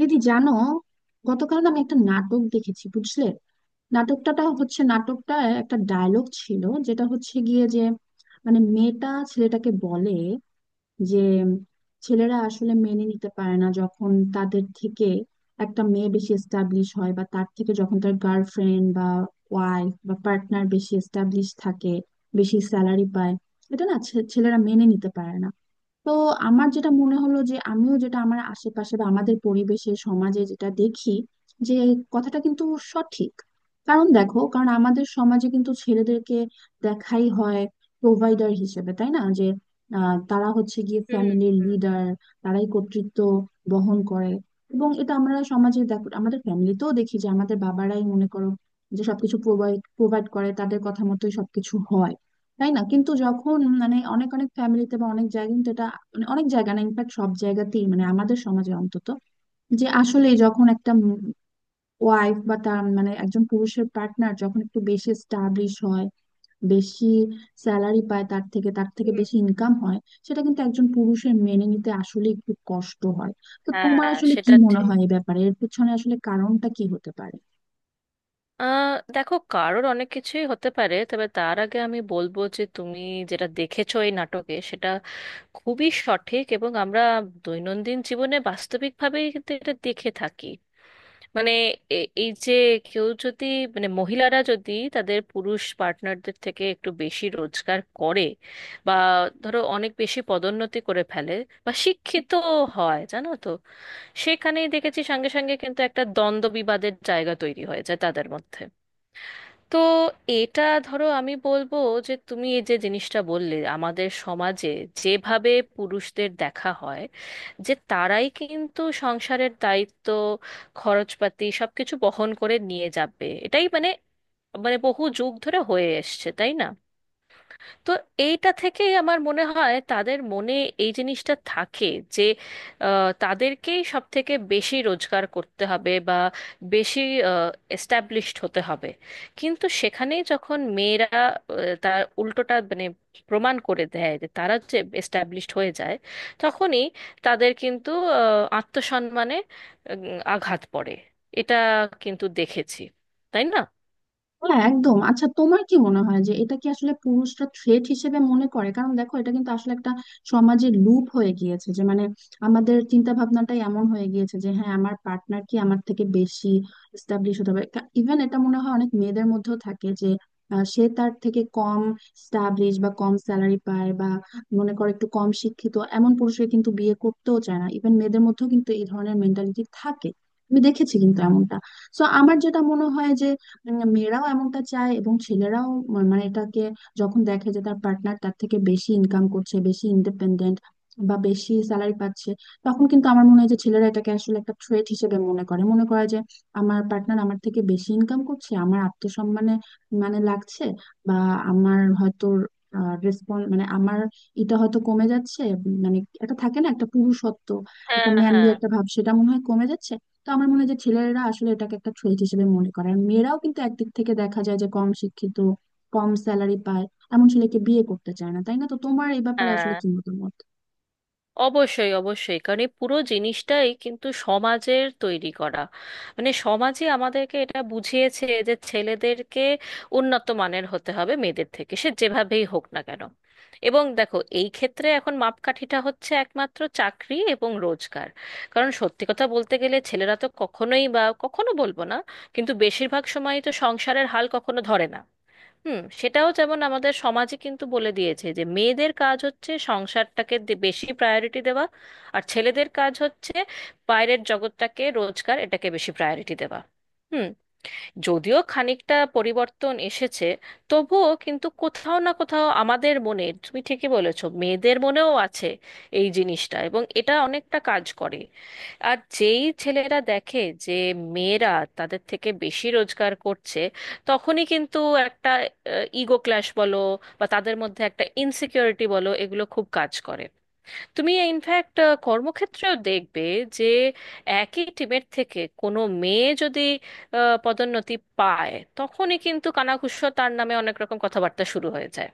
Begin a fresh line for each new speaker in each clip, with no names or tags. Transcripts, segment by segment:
দিদি, জানো? গতকাল না আমি একটা নাটক দেখেছি, বুঝলে। নাটকটা নাটকটা একটা ডায়লগ ছিল, যেটা হচ্ছে গিয়ে যে মানে মেয়েটা ছেলেটাকে বলে যে ছেলেরা আসলে মেনে নিতে পারে না যখন তাদের থেকে একটা মেয়ে বেশি এস্টাবলিশ হয়, বা তার থেকে যখন তার গার্লফ্রেন্ড বা ওয়াইফ বা পার্টনার বেশি এস্টাবলিশ থাকে, বেশি স্যালারি পায়। এটা না ছেলেরা মেনে নিতে পারে না। তো আমার যেটা মনে হলো যে আমিও যেটা আমার আশেপাশে বা আমাদের পরিবেশে সমাজে যেটা দেখি যে কথাটা কিন্তু সঠিক। কারণ দেখো, কারণ আমাদের সমাজে কিন্তু ছেলেদেরকে দেখাই হয় প্রোভাইডার হিসেবে, তাই না? যে তারা হচ্ছে গিয়ে
হুম
ফ্যামিলির
হুম
লিডার, তারাই কর্তৃত্ব বহন করে। এবং এটা আমরা সমাজে দেখো, আমাদের ফ্যামিলিতেও দেখি যে আমাদের বাবারাই মনে করো যে সবকিছু প্রোভাইড প্রোভাইড করে, তাদের কথা মতোই সবকিছু হয়, তাই না? কিন্তু যখন মানে অনেক অনেক ফ্যামিলিতে বা অনেক জায়গায়, মানে অনেক জায়গা না, ইনফ্যাক্ট সব জায়গাতেই, মানে আমাদের সমাজে অন্তত, যে আসলে যখন একটা ওয়াইফ বা তার মানে একজন পুরুষের পার্টনার যখন একটু বেশি স্টাবলিশ হয়, বেশি স্যালারি পায়, তার থেকে
হুম,
বেশি ইনকাম হয়, সেটা কিন্তু একজন পুরুষের মেনে নিতে আসলে একটু কষ্ট হয়। তো তোমার
হ্যাঁ,
আসলে কি
সেটা
মনে
ঠিক।
হয় এই ব্যাপারে, এর পিছনে আসলে কারণটা কি হতে পারে?
দেখো, কারোর অনেক কিছুই হতে পারে, তবে তার আগে আমি বলবো যে তুমি যেটা দেখেছো এই নাটকে, সেটা খুবই সঠিক। এবং আমরা দৈনন্দিন জীবনে বাস্তবিকভাবেই কিন্তু এটা দেখে থাকি। মানে এই যে, কেউ যদি, মানে মহিলারা যদি তাদের পুরুষ পার্টনারদের থেকে একটু বেশি রোজগার করে, বা ধরো অনেক বেশি পদোন্নতি করে ফেলে, বা শিক্ষিত হয়, জানো তো, সেখানেই দেখেছি সঙ্গে সঙ্গে কিন্তু একটা দ্বন্দ্ব বিবাদের জায়গা তৈরি হয়েছে তাদের মধ্যে। তো এটা, ধরো আমি বলবো যে তুমি এই যে জিনিসটা বললে আমাদের সমাজে যেভাবে পুরুষদের দেখা হয়, যে তারাই কিন্তু সংসারের দায়িত্ব, খরচপাতি সবকিছু বহন করে নিয়ে যাবে, এটাই মানে, মানে বহু যুগ ধরে হয়ে এসছে, তাই না। তো এইটা থেকেই আমার মনে হয় তাদের মনে এই জিনিসটা থাকে যে তাদেরকেই সব থেকে বেশি রোজগার করতে হবে বা বেশি এস্টাবলিশড হতে হবে। কিন্তু সেখানেই যখন মেয়েরা তার উল্টোটা মানে প্রমাণ করে দেয়, যে তারা যে এস্টাবলিশড হয়ে যায়, তখনই তাদের কিন্তু আহ, আত্মসম্মানে আঘাত পড়ে। এটা কিন্তু দেখেছি, তাই না।
হ্যাঁ, একদম। আচ্ছা, তোমার কি মনে হয় যে এটা কি আসলে পুরুষরা থ্রেট হিসেবে মনে করে? কারণ দেখো, এটা কিন্তু আসলে একটা সমাজের লুপ হয়ে গিয়েছে, যে মানে আমাদের চিন্তা ভাবনাটাই এমন হয়ে গিয়েছে যে হ্যাঁ, আমার পার্টনার কি আমার থেকে বেশি এস্টাবলিশ হতে হবে। ইভেন এটা মনে হয় অনেক মেয়েদের মধ্যেও থাকে যে সে তার থেকে কম স্টাবলিশ বা কম স্যালারি পায়, বা মনে করে একটু কম শিক্ষিত, এমন পুরুষকে কিন্তু বিয়ে করতেও চায় না। ইভেন মেয়েদের মধ্যেও কিন্তু এই ধরনের মেন্টালিটি থাকে, আমি দেখেছি কিন্তু এমনটা। সো আমার যেটা মনে হয় যে মেয়েরাও এমনটা চায় এবং ছেলেরাও। মানে এটাকে যখন দেখে যে তার পার্টনার তার থেকে বেশি ইনকাম করছে, বেশি ইন্ডিপেন্ডেন্ট বা বেশি স্যালারি পাচ্ছে, তখন কিন্তু আমার মনে হয় যে ছেলেরা এটাকে আসলে একটা থ্রেট হিসেবে মনে করে, মনে করে যে আমার পার্টনার আমার থেকে বেশি ইনকাম করছে, আমার আত্মসম্মানে মানে লাগছে, বা আমার হয়তো রেসপন্স মানে আমার এটা হয়তো কমে যাচ্ছে, মানে এটা থাকে না একটা পুরুষত্ব, একটা
হ্যাঁ
ম্যানলি
হ্যাঁ,
একটা ভাব, সেটা মনে হয় কমে যাচ্ছে। তো আমার মনে হয় যে ছেলেরা আসলে এটাকে একটা থ্রেট হিসেবে মনে করে। আর মেয়েরাও কিন্তু একদিক থেকে দেখা যায় যে কম শিক্ষিত, কম স্যালারি পায়, এমন ছেলেকে বিয়ে করতে চায় না, তাই না? তো তোমার এই ব্যাপারে আসলে
হ্যাঁ
কি মতামত?
অবশ্যই, অবশ্যই। কারণ এই পুরো জিনিসটাই কিন্তু সমাজের তৈরি করা। মানে সমাজই আমাদেরকে এটা বুঝিয়েছে যে ছেলেদেরকে উন্নত মানের হতে হবে মেয়েদের থেকে, সে যেভাবেই হোক না কেন। এবং দেখো এই ক্ষেত্রে এখন মাপকাঠিটা হচ্ছে একমাত্র চাকরি এবং রোজগার। কারণ সত্যি কথা বলতে গেলে ছেলেরা তো কখনোই, বা কখনো বলবো না, কিন্তু বেশিরভাগ সময়ই তো সংসারের হাল কখনো ধরে না। হুম, সেটাও যেমন আমাদের সমাজে কিন্তু বলে দিয়েছে যে মেয়েদের কাজ হচ্ছে সংসারটাকে বেশি প্রায়োরিটি দেওয়া, আর ছেলেদের কাজ হচ্ছে বাইরের জগৎটাকে, রোজগার, এটাকে বেশি প্রায়োরিটি দেওয়া। হুম। যদিও খানিকটা পরিবর্তন এসেছে, তবুও কিন্তু কোথাও না কোথাও আমাদের মনে, তুমি ঠিকই বলেছো, মেয়েদের মনেও আছে এই জিনিসটা, এবং এটা অনেকটা কাজ করে। আর যেই ছেলেরা দেখে যে মেয়েরা তাদের থেকে বেশি রোজগার করছে, তখনই কিন্তু একটা ইগো ক্ল্যাশ বলো, বা তাদের মধ্যে একটা ইনসিকিউরিটি বলো, এগুলো খুব কাজ করে। তুমি ইনফ্যাক্ট কর্মক্ষেত্রেও দেখবে যে একই টিমের থেকে কোনো মেয়ে যদি পদোন্নতি পায়, তখনই কিন্তু কানাঘুষো, তার নামে অনেক রকম কথাবার্তা শুরু হয়ে যায়।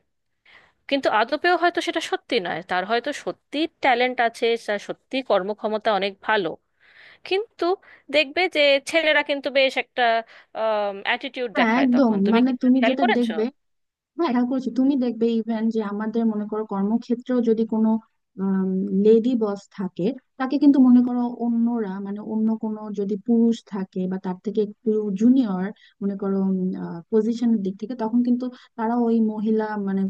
কিন্তু আদপেও হয়তো সেটা সত্যি নয়, তার হয়তো সত্যি ট্যালেন্ট আছে, তার সত্যি কর্মক্ষমতা অনেক ভালো। কিন্তু দেখবে যে ছেলেরা কিন্তু বেশ একটা অ্যাটিটিউড
হ্যাঁ,
দেখায়
একদম।
তখন। তুমি
মানে
কি এটা
তুমি
খেয়াল
যেটা
করেছো?
দেখবে, হ্যাঁ এটা করেছি, তুমি দেখবে ইভেন যে আমাদের মনে করো কর্মক্ষেত্রেও যদি কোনো লেডি বস থাকে, তাকে কিন্তু মনে করো অন্যরা, মানে অন্য কোনো যদি পুরুষ থাকে বা তার থেকে একটু জুনিয়র, মনে করো পজিশনের দিক থেকে, তখন কিন্তু তারা ওই মহিলা মানে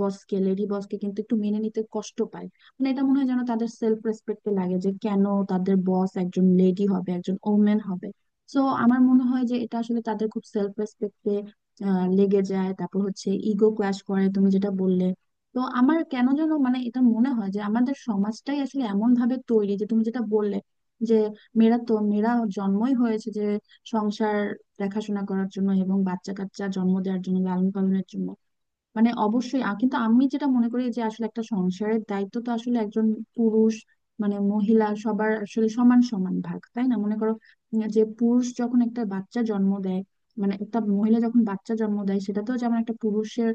বসকে, লেডি বসকে কিন্তু একটু মেনে নিতে কষ্ট পায়। মানে এটা মনে হয় যেন তাদের সেলফ রেসপেক্টে লাগে যে কেন তাদের বস একজন লেডি হবে, একজন ওমেন হবে। সো আমার মনে হয় যে এটা আসলে তাদের খুব সেলফ রেসপেক্টে লেগে যায়। তারপর হচ্ছে ইগো ক্লাশ করে, তুমি যেটা বললে। তো আমার কেন যেন মানে এটা মনে হয় যে আমাদের সমাজটাই আসলে এমন ভাবে তৈরি, যে তুমি যেটা বললে যে মেয়েরা তো মেয়েরা জন্মই হয়েছে যে সংসার দেখাশোনা করার জন্য এবং বাচ্চা কাচ্চা জন্ম দেওয়ার জন্য, লালন পালনের জন্য। মানে অবশ্যই কিন্তু আমি যেটা মনে করি যে আসলে একটা সংসারের দায়িত্ব তো আসলে একজন পুরুষ মানে মহিলা সবার আসলে সমান সমান ভাগ, তাই না? মনে করো যে পুরুষ যখন একটা বাচ্চা জন্ম দেয়, মানে একটা মহিলা যখন বাচ্চা জন্ম দেয়, সেটা তো যেমন একটা পুরুষের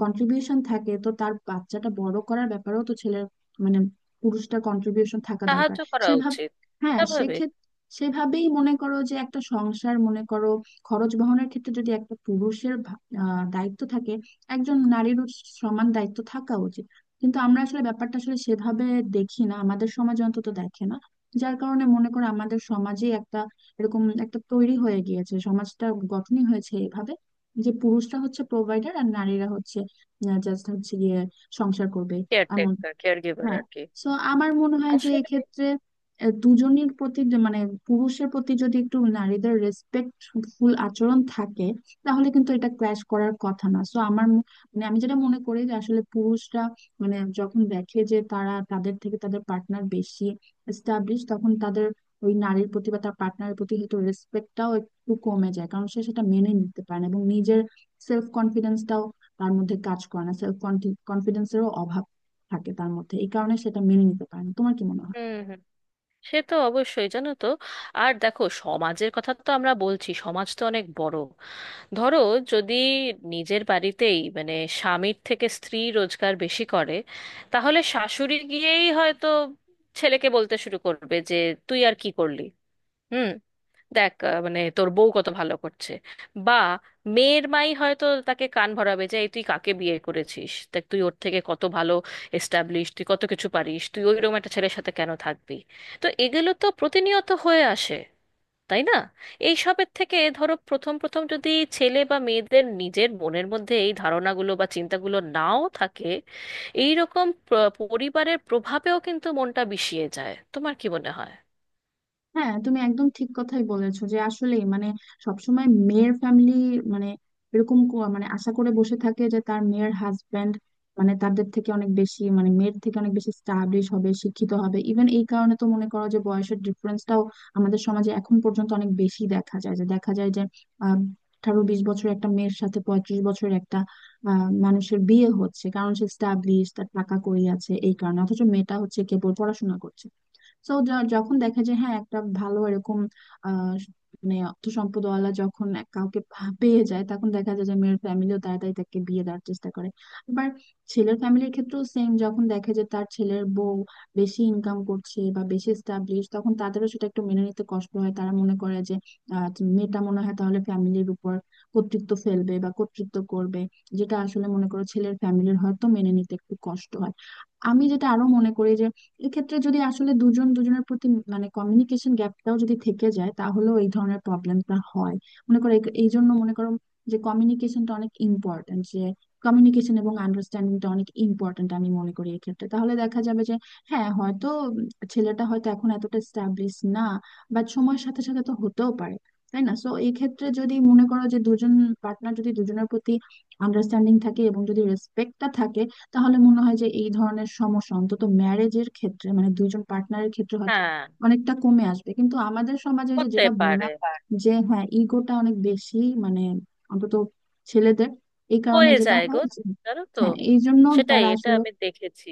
কন্ট্রিবিউশন থাকে, তো তার বাচ্চাটা বড় করার ব্যাপারেও তো ছেলের মানে পুরুষটা কন্ট্রিবিউশন থাকা দরকার
সাহায্য করা
সেভাবে।
উচিত।
হ্যাঁ
স্বাভাবিক।
সেক্ষেত্রে সেভাবেই মনে করো যে একটা সংসার, মনে করো খরচ বহনের ক্ষেত্রে যদি একটা পুরুষের দায়িত্ব থাকে, একজন নারীরও সমান দায়িত্ব থাকা উচিত। কিন্তু আমরা আসলে ব্যাপারটা আসলে সেভাবে দেখি না, আমাদের সমাজ অন্তত দেখে না। যার কারণে মনে করো আমাদের সমাজে একটা এরকম একটা তৈরি হয়ে গিয়েছে, সমাজটা গঠনই হয়েছে এভাবে যে পুরুষরা হচ্ছে প্রোভাইডার আর নারীরা হচ্ছে জাস্ট হচ্ছে গিয়ে সংসার করবে এমন।
কেয়ারটেকার, কেয়ার গিভার
হ্যাঁ।
আর কি।
সো আমার মনে হয় যে এক্ষেত্রে দুজনের প্রতি যে মানে পুরুষের প্রতি যদি একটু নারীদের রেসপেক্টফুল আচরণ থাকে, তাহলে কিন্তু এটা ক্ল্যাশ করার কথা না। সো আমার মানে আমি যেটা মনে করি যে আসলে পুরুষরা মানে যখন দেখে যে তারা তাদের থেকে তাদের পার্টনার বেশি এস্টাবলিশ, তখন তাদের ওই নারীর প্রতি বা তার পার্টনারের প্রতি হয়তো রেসপেক্টটাও একটু কমে যায়, কারণ সে সেটা মেনে নিতে পারে না। এবং নিজের সেলফ কনফিডেন্সটাও তার মধ্যে কাজ করে না, সেলফ কনফিডেন্সেরও অভাব থাকে তার মধ্যে, এই কারণে সেটা মেনে নিতে পারে না। তোমার কি মনে হয়?
হুম হুম, সে তো অবশ্যই, জানো তো। আর দেখো, সমাজের কথা তো আমরা বলছি, সমাজ তো অনেক বড়। ধরো যদি নিজের বাড়িতেই মানে স্বামীর থেকে স্ত্রী রোজগার বেশি করে, তাহলে শাশুড়ি গিয়েই হয়তো ছেলেকে বলতে শুরু করবে যে তুই আর কি করলি। হুম। দেখ মানে তোর বউ কত ভালো করছে। বা মেয়ের মাই হয়তো তাকে কান ভরাবে যে এই তুই কাকে বিয়ে করেছিস, দেখ তুই ওর থেকে কত ভালো এস্টাবলিশ, তুই কত কিছু পারিস, তুই ওইরকম একটা ছেলের সাথে কেন থাকবি। তো এগুলো তো প্রতিনিয়ত হয়ে আসে, তাই না। এই সবের থেকে ধরো, প্রথম প্রথম যদি ছেলে বা মেয়েদের নিজের মনের মধ্যে এই ধারণাগুলো বা চিন্তাগুলো নাও থাকে, এই রকম পরিবারের প্রভাবেও কিন্তু মনটা বিষিয়ে যায়। তোমার কি মনে হয়?
হ্যাঁ, তুমি একদম ঠিক কথাই বলেছো, যে আসলে মানে সবসময় মেয়ের ফ্যামিলি মানে মানে আশা করে বসে থাকে যে তার মেয়ের হাজবেন্ড মানে তাদের থেকে অনেক বেশি, মানে মেয়ের থেকে অনেক বেশি স্টাবলিশ হবে, শিক্ষিত হবে। ইভেন এই কারণে তো মনে করো যে বয়সের ডিফারেন্সটাও আমাদের সমাজে এখন পর্যন্ত অনেক বেশি দেখা যায়, যে আহ 18-20 বছর একটা মেয়ের সাথে 35 বছর একটা মানুষের বিয়ে হচ্ছে, কারণ সে স্টাবলিশ, তার টাকা কড়ি আছে, এই কারণে। অথচ মেয়েটা হচ্ছে কেবল পড়াশোনা করছে। সো যখন দেখা যায় হ্যাঁ একটা ভালো এরকম আহ মানে অর্থ সম্পদওয়ালা যখন কাউকে পেয়ে যায়, তখন দেখা যায় যে মেয়ের ফ্যামিলিও তাড়াতাড়ি তাকে বিয়ে দেওয়ার চেষ্টা করে। আবার ছেলের ফ্যামিলির ক্ষেত্রেও সেম, যখন দেখে যে তার ছেলের বউ বেশি ইনকাম করছে বা বেশি স্টাবলিশ, তখন তাদেরও সেটা একটু মেনে নিতে কষ্ট হয়। তারা মনে করে যে আহ, মেয়েটা মনে হয় তাহলে ফ্যামিলির উপর কর্তৃত্ব ফেলবে বা কর্তৃত্ব করবে, যেটা আসলে মনে করো ছেলের ফ্যামিলির হয়তো মেনে নিতে একটু কষ্ট হয়। আমি যেটা আরো মনে করি যে এক্ষেত্রে যদি আসলে দুজন দুজনের প্রতি মানে কমিউনিকেশন গ্যাপটাও যদি থেকে যায় তাহলেও এই ধরনের প্রবলেমটা হয়। মনে করো এই এই জন্য মনে করো যে কমিউনিকেশনটা অনেক ইম্পর্ট্যান্ট, যে কমিউনিকেশন এবং আন্ডারস্ট্যান্ডিংটা অনেক ইম্পর্ট্যান্ট আমি মনে করি এক্ষেত্রে। তাহলে দেখা যাবে যে হ্যাঁ হয়তো ছেলেটা হয়তো এখন এতটা স্ট্যাবলিশ না, বাট সময়ের সাথে সাথে তো হতেও পারে, তাই না? সো এই ক্ষেত্রে যদি মনে করো যে দুজন পার্টনার যদি দুজনের প্রতি আন্ডারস্ট্যান্ডিং থাকে এবং যদি রেসপেক্টটা থাকে, তাহলে মনে হয় যে এই ধরনের সমস্যা অন্তত ম্যারেজের ক্ষেত্রে, মানে দুইজন পার্টনারের ক্ষেত্রে হয়তো
হ্যাঁ,
অনেকটা কমে আসবে। কিন্তু আমাদের সমাজে ওই যে
হতে
যেটা
পারে।
বললাম যে হ্যাঁ ইগোটা অনেক বেশি, মানে অন্তত ছেলেদের, এই কারণে
হয়ে
যেটা
যায় গো,
হয় যে
জানো তো।
হ্যাঁ এই জন্য
সেটাই,
তারা
এটা
আসলে
আমি দেখেছি।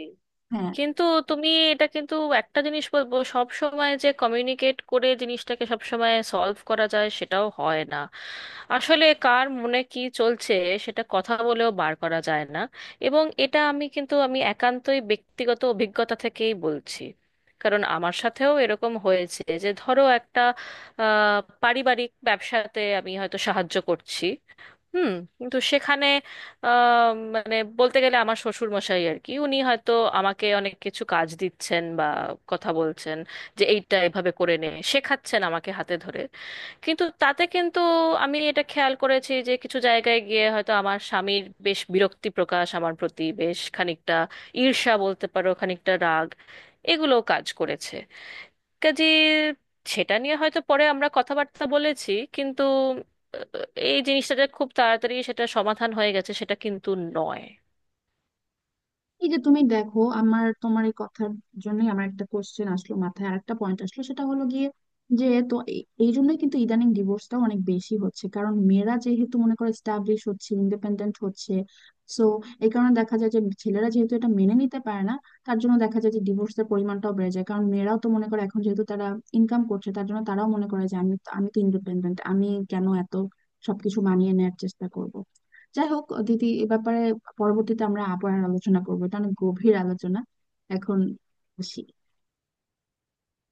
হ্যাঁ।
কিন্তু তুমি এটা, কিন্তু একটা জিনিস বলবো, সব সময় যে কমিউনিকেট করে জিনিসটাকে সব সময় সলভ করা যায়, সেটাও হয় না। আসলে কার মনে কি চলছে সেটা কথা বলেও বার করা যায় না। এবং এটা আমি কিন্তু, আমি একান্তই ব্যক্তিগত অভিজ্ঞতা থেকেই বলছি, কারণ আমার সাথেও এরকম হয়েছে। যে ধরো একটা পারিবারিক ব্যবসাতে আমি হয়তো সাহায্য করছি। হুম। কিন্তু সেখানে আহ, মানে বলতে গেলে আমার শ্বশুর মশাই আর কি, উনি হয়তো আমাকে অনেক কিছু কাজ দিচ্ছেন বা কথা বলছেন যে এইটা এভাবে করে নে, শেখাচ্ছেন আমাকে হাতে ধরে। কিন্তু তাতে কিন্তু আমি এটা খেয়াল করেছি যে কিছু জায়গায় গিয়ে হয়তো আমার স্বামীর বেশ বিরক্তি প্রকাশ, আমার প্রতি বেশ খানিকটা ঈর্ষা বলতে পারো, খানিকটা রাগ, এগুলো কাজ করেছে কাজে। সেটা নিয়ে হয়তো পরে আমরা কথাবার্তা বলেছি, কিন্তু আহ, এই জিনিসটা যে খুব তাড়াতাড়ি সেটা সমাধান হয়ে গেছে, সেটা কিন্তু নয়।
এই যে তুমি দেখো, আমার, তোমার এই কথার জন্যই আমার একটা কোশ্চেন আসলো মাথায়, আর একটা পয়েন্ট আসলো। সেটা হলো গিয়ে যে তো এই জন্যই কিন্তু ইদানিং ডিভোর্সটা অনেক বেশি হচ্ছে, কারণ মেয়েরা যেহেতু মনে করো স্টাবলিশ হচ্ছে, ইন্ডিপেন্ডেন্ট হচ্ছে। সো এই কারণে দেখা যায় যে ছেলেরা যেহেতু এটা মেনে নিতে পারে না, তার জন্য দেখা যায় যে ডিভোর্সের পরিমাণটাও বেড়ে যায়। কারণ মেয়েরাও তো মনে করো এখন যেহেতু তারা ইনকাম করছে, তার জন্য তারাও মনে করে যে আমি আমি তো ইন্ডিপেন্ডেন্ট, আমি কেন এত সবকিছু মানিয়ে নেয়ার চেষ্টা করব? যাই হোক দিদি, এ ব্যাপারে পরবর্তীতে আমরা আবার আলোচনা করবো, এটা অনেক গভীর আলোচনা। এখন আসি।